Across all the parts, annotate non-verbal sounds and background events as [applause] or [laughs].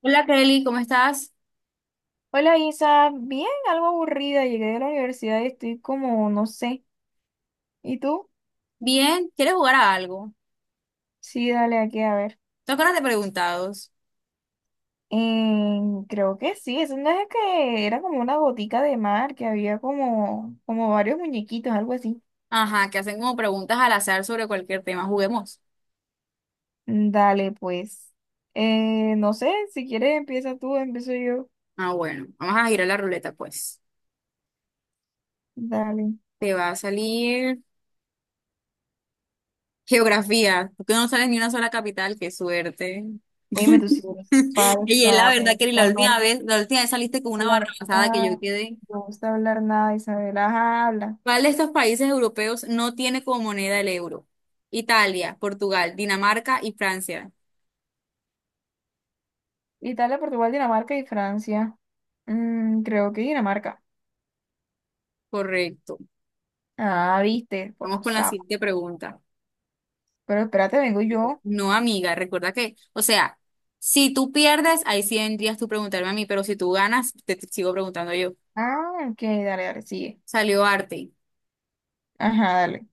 Hola Kelly, ¿cómo estás? Hola Isa, bien, algo aburrida, llegué de la universidad y estoy como, no sé. ¿Y tú? Bien, ¿quieres jugar a algo? Sí, dale aquí a ver. ¿Te acuerdas de preguntados? Eh, creo que sí, eso no es una vez que era como una botica de mar, que había como, como varios muñequitos, algo así. Ajá, que hacen como preguntas al azar sobre cualquier tema. Juguemos. Mm, dale, pues. No sé, si quieres empieza tú, empiezo yo. Ah, bueno, vamos a girar la ruleta, pues. Dale. Te va a salir geografía, porque no sales ni una sola capital, qué suerte. Dime tú si [laughs] eres Y es la falsa, te verdad, Kelly, gusta la hablar, última vez, la última vez saliste con una barra hablar pasada que yo nada, quedé. no gusta hablar nada, Isabela, ajá, habla. ¿Cuál de estos países europeos no tiene como moneda el euro? Italia, Portugal, Dinamarca y Francia. Italia, Portugal, Dinamarca y Francia. Mm, creo que Dinamarca. Correcto. Ah, viste, por Vamos con la sapo. siguiente pregunta. Pero espérate, vengo yo. No, amiga, recuerda que, o sea, si tú pierdes, ahí sí vendrías tú preguntarme a mí, pero si tú ganas, te sigo preguntando yo. Ah, ok, dale, dale, sigue. Salió arte. Ajá, dale.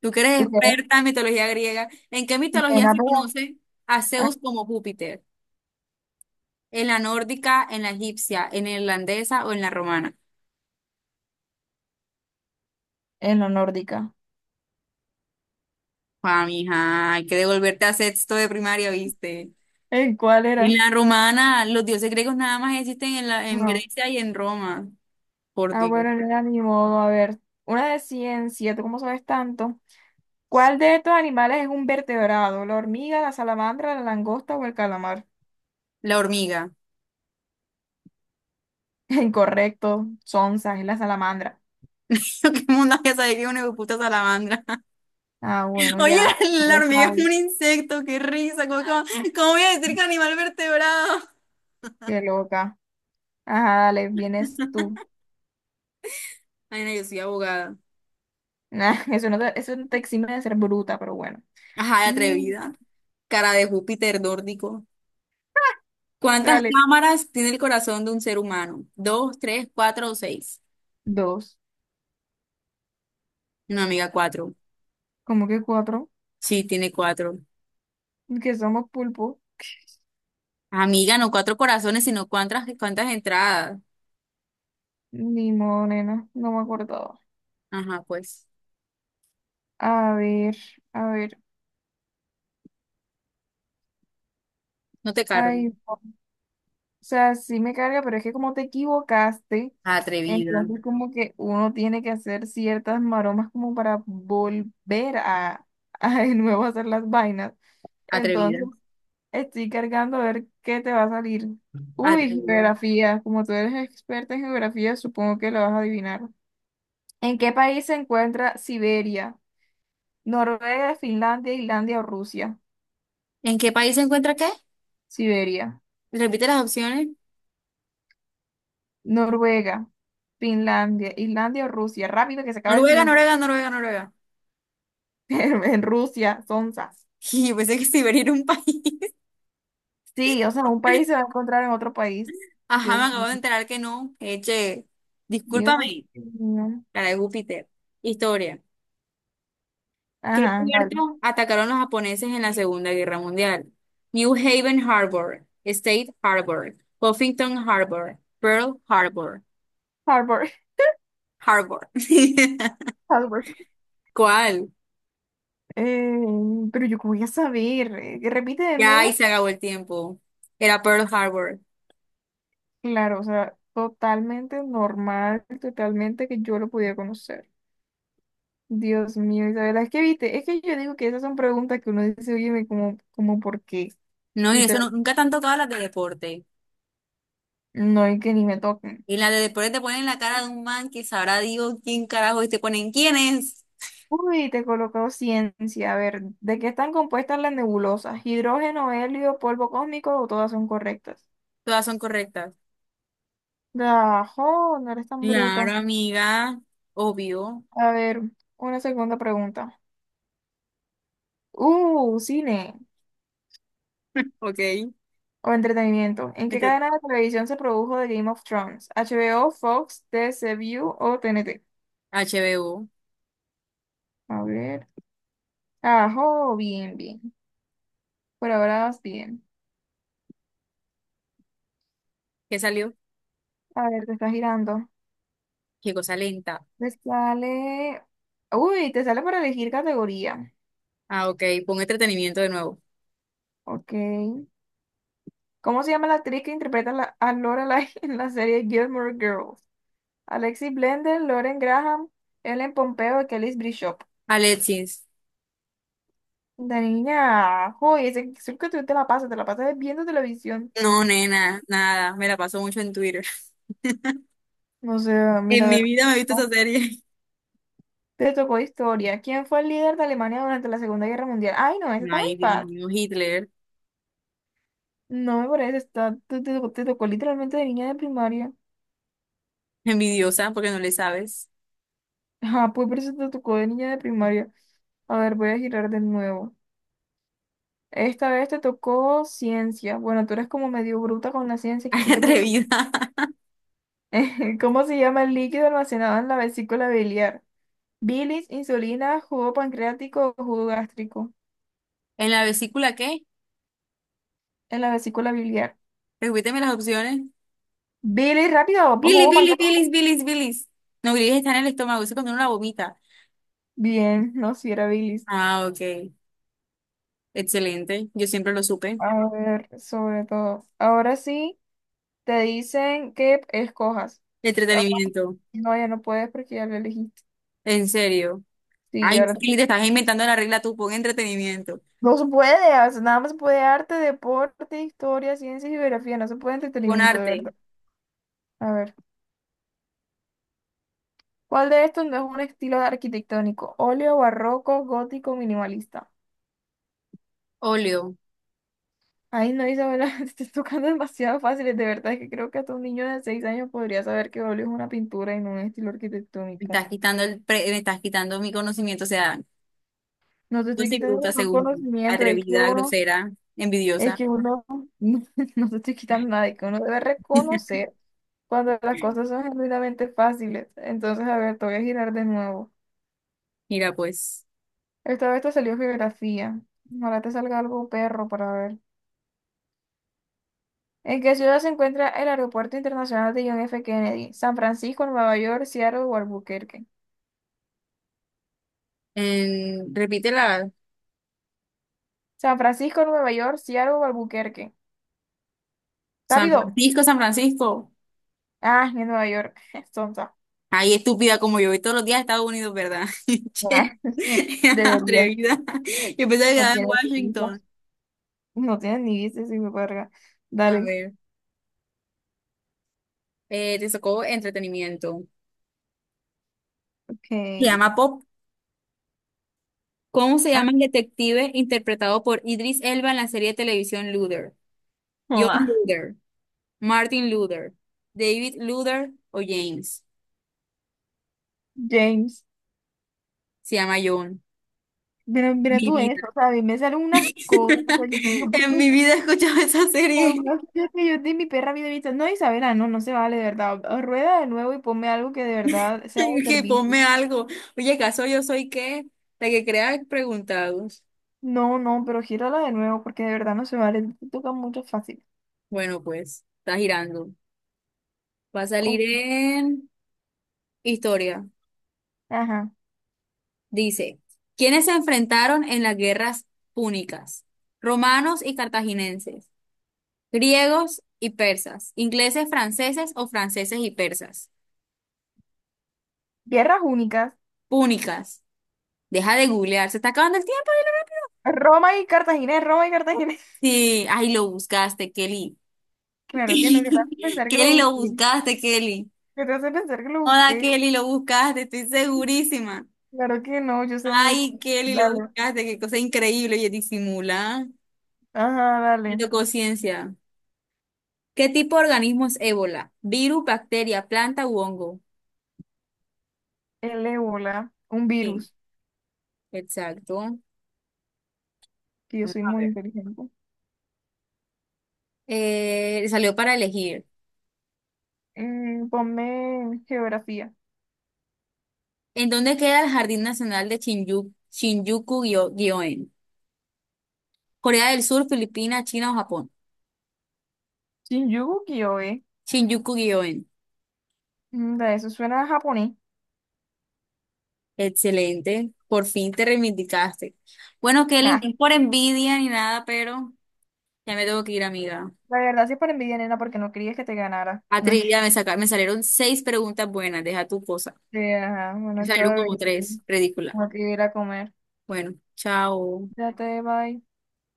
Tú que eres ¿Tú quieres? experta en mitología griega, ¿en qué mitología Buena se pega. conoce a Ah, Zeus como Júpiter? ¿En la nórdica, en la egipcia, en la irlandesa o en la romana? en la nórdica. Ah, mija, hay que devolverte a sexto de primaria, ¿viste? ¿En cuál En era? la romana, los dioses griegos nada más existen en No. Grecia y en Roma. Por Ah, Dios. bueno, no era ni modo. A ver, una de ciencia, ¿tú cómo sabes tanto? ¿Cuál de estos animales es un vertebrado? ¿La hormiga, la salamandra, la langosta o el calamar? La hormiga. [laughs] Incorrecto, sonsa, es la salamandra. [laughs] Lo que mundo había salido una puta salamandra. [laughs] Ah, bueno, Oye, ya, la, ya la lo hormiga es sabes. un insecto, qué risa. ¿ Cómo voy a decir que animal vertebrado? Qué loca. Ajá, dale, vienes tú. Ay, no, yo soy abogada. Nah, [laughs] eso no te exime de ser bruta, pero bueno. Ajá, de Ni, atrevida. Cara de Júpiter nórdico. ¿Cuántas dale, cámaras tiene el corazón de un ser humano? ¿Dos, tres, cuatro o seis? dos. No, amiga, cuatro. ¿Como que cuatro? Sí, tiene cuatro. Que somos pulpo. Amiga, no cuatro corazones, sino cuántas entradas. Ni modo, nena, no me acordaba. Ajá, pues. A ver, a ver. No te cargo. Ay, no. O sea, sí me carga, pero es que como te equivocaste, Atrevida, entonces como que uno tiene que hacer ciertas maromas como para volver a, [laughs] a de nuevo hacer las vainas. Entonces, atrevida, estoy cargando a ver qué te va a salir. Uy, atrevida. geografía. Como tú eres experta en geografía, supongo que lo vas a adivinar. ¿En qué país se encuentra Siberia? Noruega, Finlandia, Islandia o Rusia. ¿En qué país se encuentra qué? Siberia, Repite las opciones. Noruega, Finlandia, Islandia o Rusia. Rápido que se acaba el Noruega, tiempo. Noruega, Noruega, Noruega. [laughs] En Rusia, sonzas. [laughs] Y pensé que Siberia era un país. [laughs] Sí, o sea, un país se va a encontrar en otro país. Ajá, me Dios acabo mío. de enterar que no. Eche, Dios discúlpame, mío. cara de Júpiter. Historia. ¿Qué Ajá, vale. puerto atacaron los japoneses en la Segunda Guerra Mundial? New Haven Harbor, State Harbor, Huffington Harbor, Pearl Harbor, Harbor. Harbor. [laughs] [laughs] ¿Cuál? Eh, pero yo, ¿cómo voy a saber? Repite de Ya ahí nuevo. se acabó el tiempo. Era Pearl Harbor. Claro, o sea, totalmente normal, totalmente que yo lo pudiera conocer. Dios mío, Isabela, es que viste, es que yo digo que esas son preguntas que uno dice, oye, como, como por qué. No, y eso Literal, nunca te han tocado las de deporte. no hay que ni me toquen. Y la de después te ponen la cara de un man que sabrá Dios quién carajo y te ponen quiénes. Uy, te he colocado ciencia. A ver, ¿de qué están compuestas las nebulosas? ¿Hidrógeno, helio, polvo cósmico o todas son correctas? Todas son correctas. Dajo, no eres tan Claro, bruta. amiga. Obvio. A ver, una segunda pregunta. Cine. Ok. O entretenimiento. ¿En qué Entre- cadena de televisión se produjo The Game of Thrones? HBO, Fox, T. C. TCU o T. N. T. HBO. A ver. Ajo, bien, bien. Por ahora vas bien. ¿Qué salió? A ver, te está girando. Qué cosa lenta. Te sale. Uy, te sale para elegir categoría. Ah, ok. Pon entretenimiento de nuevo. Ok. ¿Cómo se llama la actriz que interpreta la- a Lorelai [laughs] en la serie Gilmore Girls? Alexis Blender, Lauren Graham, Ellen Pompeo y Kelly Bishop. Alexis. La niña, ajo, ese, creo que tú te la pasas viendo televisión. No, nena, nada. Me la paso mucho en Twitter. [laughs] O sea, mira, En a mi ver, vida me he visto esa ¿no? serie. Te tocó historia. ¿Quién fue el líder de Alemania durante la Segunda Guerra Mundial? Ay, no, esa [laughs] está muy Ay, Dios fácil. mío, Hitler. No me parece, está, te tocó literalmente de niña de primaria. [laughs] Envidiosa, porque no le sabes. Ah, pues por eso te tocó de niña de primaria. A ver, voy a girar de nuevo. Esta vez te tocó ciencia. Bueno, tú eres como medio bruta con la ciencia, [laughs] que Ay, sí que... atrevida. [laughs] ¿Cómo se llama el líquido almacenado en la vesícula biliar? Bilis, insulina, jugo pancreático o jugo gástrico ¿En la vesícula qué? en la vesícula biliar. Repíteme las opciones. Bilis, rápido, pues, Billy, jugo Billy, pancreático. bilis, bilis, bilis. No, bilis está en el estómago, eso es cuando uno la vomita. Bien, no, si era bilis. Ah, ok. Excelente. Yo siempre lo supe. A ver, sobre todo. Ahora sí, te dicen que escojas. Ah, Entretenimiento. no, ya no puedes porque ya lo elegiste. ¿En serio? Sí, Ay, ahora Billy, te estás inventando la regla tú. Pon entretenimiento. no se puede, o sea, nada más se puede arte, deporte, historia, ciencia y geografía, no se puede Pon entretenimiento, de arte. verdad. A ver, ¿cuál de estos no es un estilo arquitectónico? Óleo, barroco, gótico, minimalista. Óleo. Ay, no, Isabela, [laughs] te estás tocando demasiado fáciles, de verdad, es que creo que hasta un niño de 6 años podría saber que óleo es una pintura y no un estilo arquitectónico. Me estás quitando mi conocimiento. O sea, No te yo estoy soy quitando bruta ningún según tú. conocimiento, Atrevida, grosera, es envidiosa. que uno, [laughs] no, no te estoy quitando nada, es que uno debe reconocer cuando las cosas son genuinamente fáciles. Entonces, a ver, te voy a girar de nuevo. Mira, pues. Esta vez te salió geografía. Ahora te salga algo perro para ver. ¿En qué ciudad se encuentra el Aeropuerto Internacional de John F. Kennedy? San Francisco, Nueva York, Seattle o Albuquerque. Repítela. San Francisco, Nueva York, Seattle o Albuquerque. San ¡Rápido! Francisco, San Francisco. Ah, en Nueva York. [laughs] Sonsa. Ay, estúpida como yo voy todos los días a Estados Unidos, ¿verdad? [laughs] Che, [laughs] Debería. atrevida. Yo pensaba que No estaba en tiene sentido. Washington. No tienes ni viste si me verga. A Dale. ver, te sacó entretenimiento. Se Ok. llama Pop. ¿Cómo se Ah, llama el detective interpretado por Idris Elba en la serie de televisión Luther? John mamá. Luther, Martin Luther, David Luther o James. James. Se llama John. Mira Mi tú vida. eso. O sea, a mí me salen unas [laughs] cosas. O sea, yo En porque mi vida he escuchado esa serie. jamás que yo de mi perra vida vista. No, Isabela, no, no se vale, de verdad. O rueda de nuevo y ponme algo que de verdad [laughs] sea de Que servicio. ponme algo. Oye, ¿caso yo soy qué? La que crea preguntados. No, no, pero gírala de nuevo porque de verdad no se vale. Te toca mucho fácil. Bueno, pues, está girando. Va a salir Ok. en historia. Ajá. Dice, ¿quiénes se enfrentaron en las guerras púnicas? Romanos y cartaginenses, griegos y persas, ingleses, franceses o franceses y persas. Tierras únicas. Púnicas. Deja de googlear, se está acabando el tiempo. Roma y Cartagena, Roma y Cartagena. [laughs] Sí, ay, lo buscaste, Kelly. Claro que no, que te hace [laughs] pensar que lo Kelly, lo busqué. buscaste, Kelly. Que te hace pensar que lo Hola busqué. Kelly, lo buscaste, estoy segurísima. Claro que no, yo sé mucho. Ay, Kelly, lo Dale. buscaste, qué cosa increíble, oye, disimula. Ajá, Me dale. tocó ciencia. ¿Qué tipo de organismo es ébola? ¿Virus, bacteria, planta u hongo? El ébola, un Sí, virus, exacto. que yo Vamos soy a muy ver. inteligente. Salió para elegir. Mm, ponme geografía. ¿En dónde queda el Jardín Nacional de Shinjuku, Shinjuku-gyoen? ¿Corea del Sur, Filipinas, China o Japón? Shinjuku Kyoe. Shinjuku-gyoen. Mm, da, eso suena a japonés. Excelente, por fin te reivindicaste. Bueno, Kelly, Ah, no es por envidia ni nada, pero ya me tengo que ir, amiga. la verdad sí es para envidia, nena, porque no querías que te ganara. A trivia [laughs] me saca, me salieron seis preguntas buenas, deja tu cosa. Sí, ajá, Me bueno, chao, salieron como bebé. tres, Tengo ridícula. que ir a comer. Bueno, chao. Ya te bye.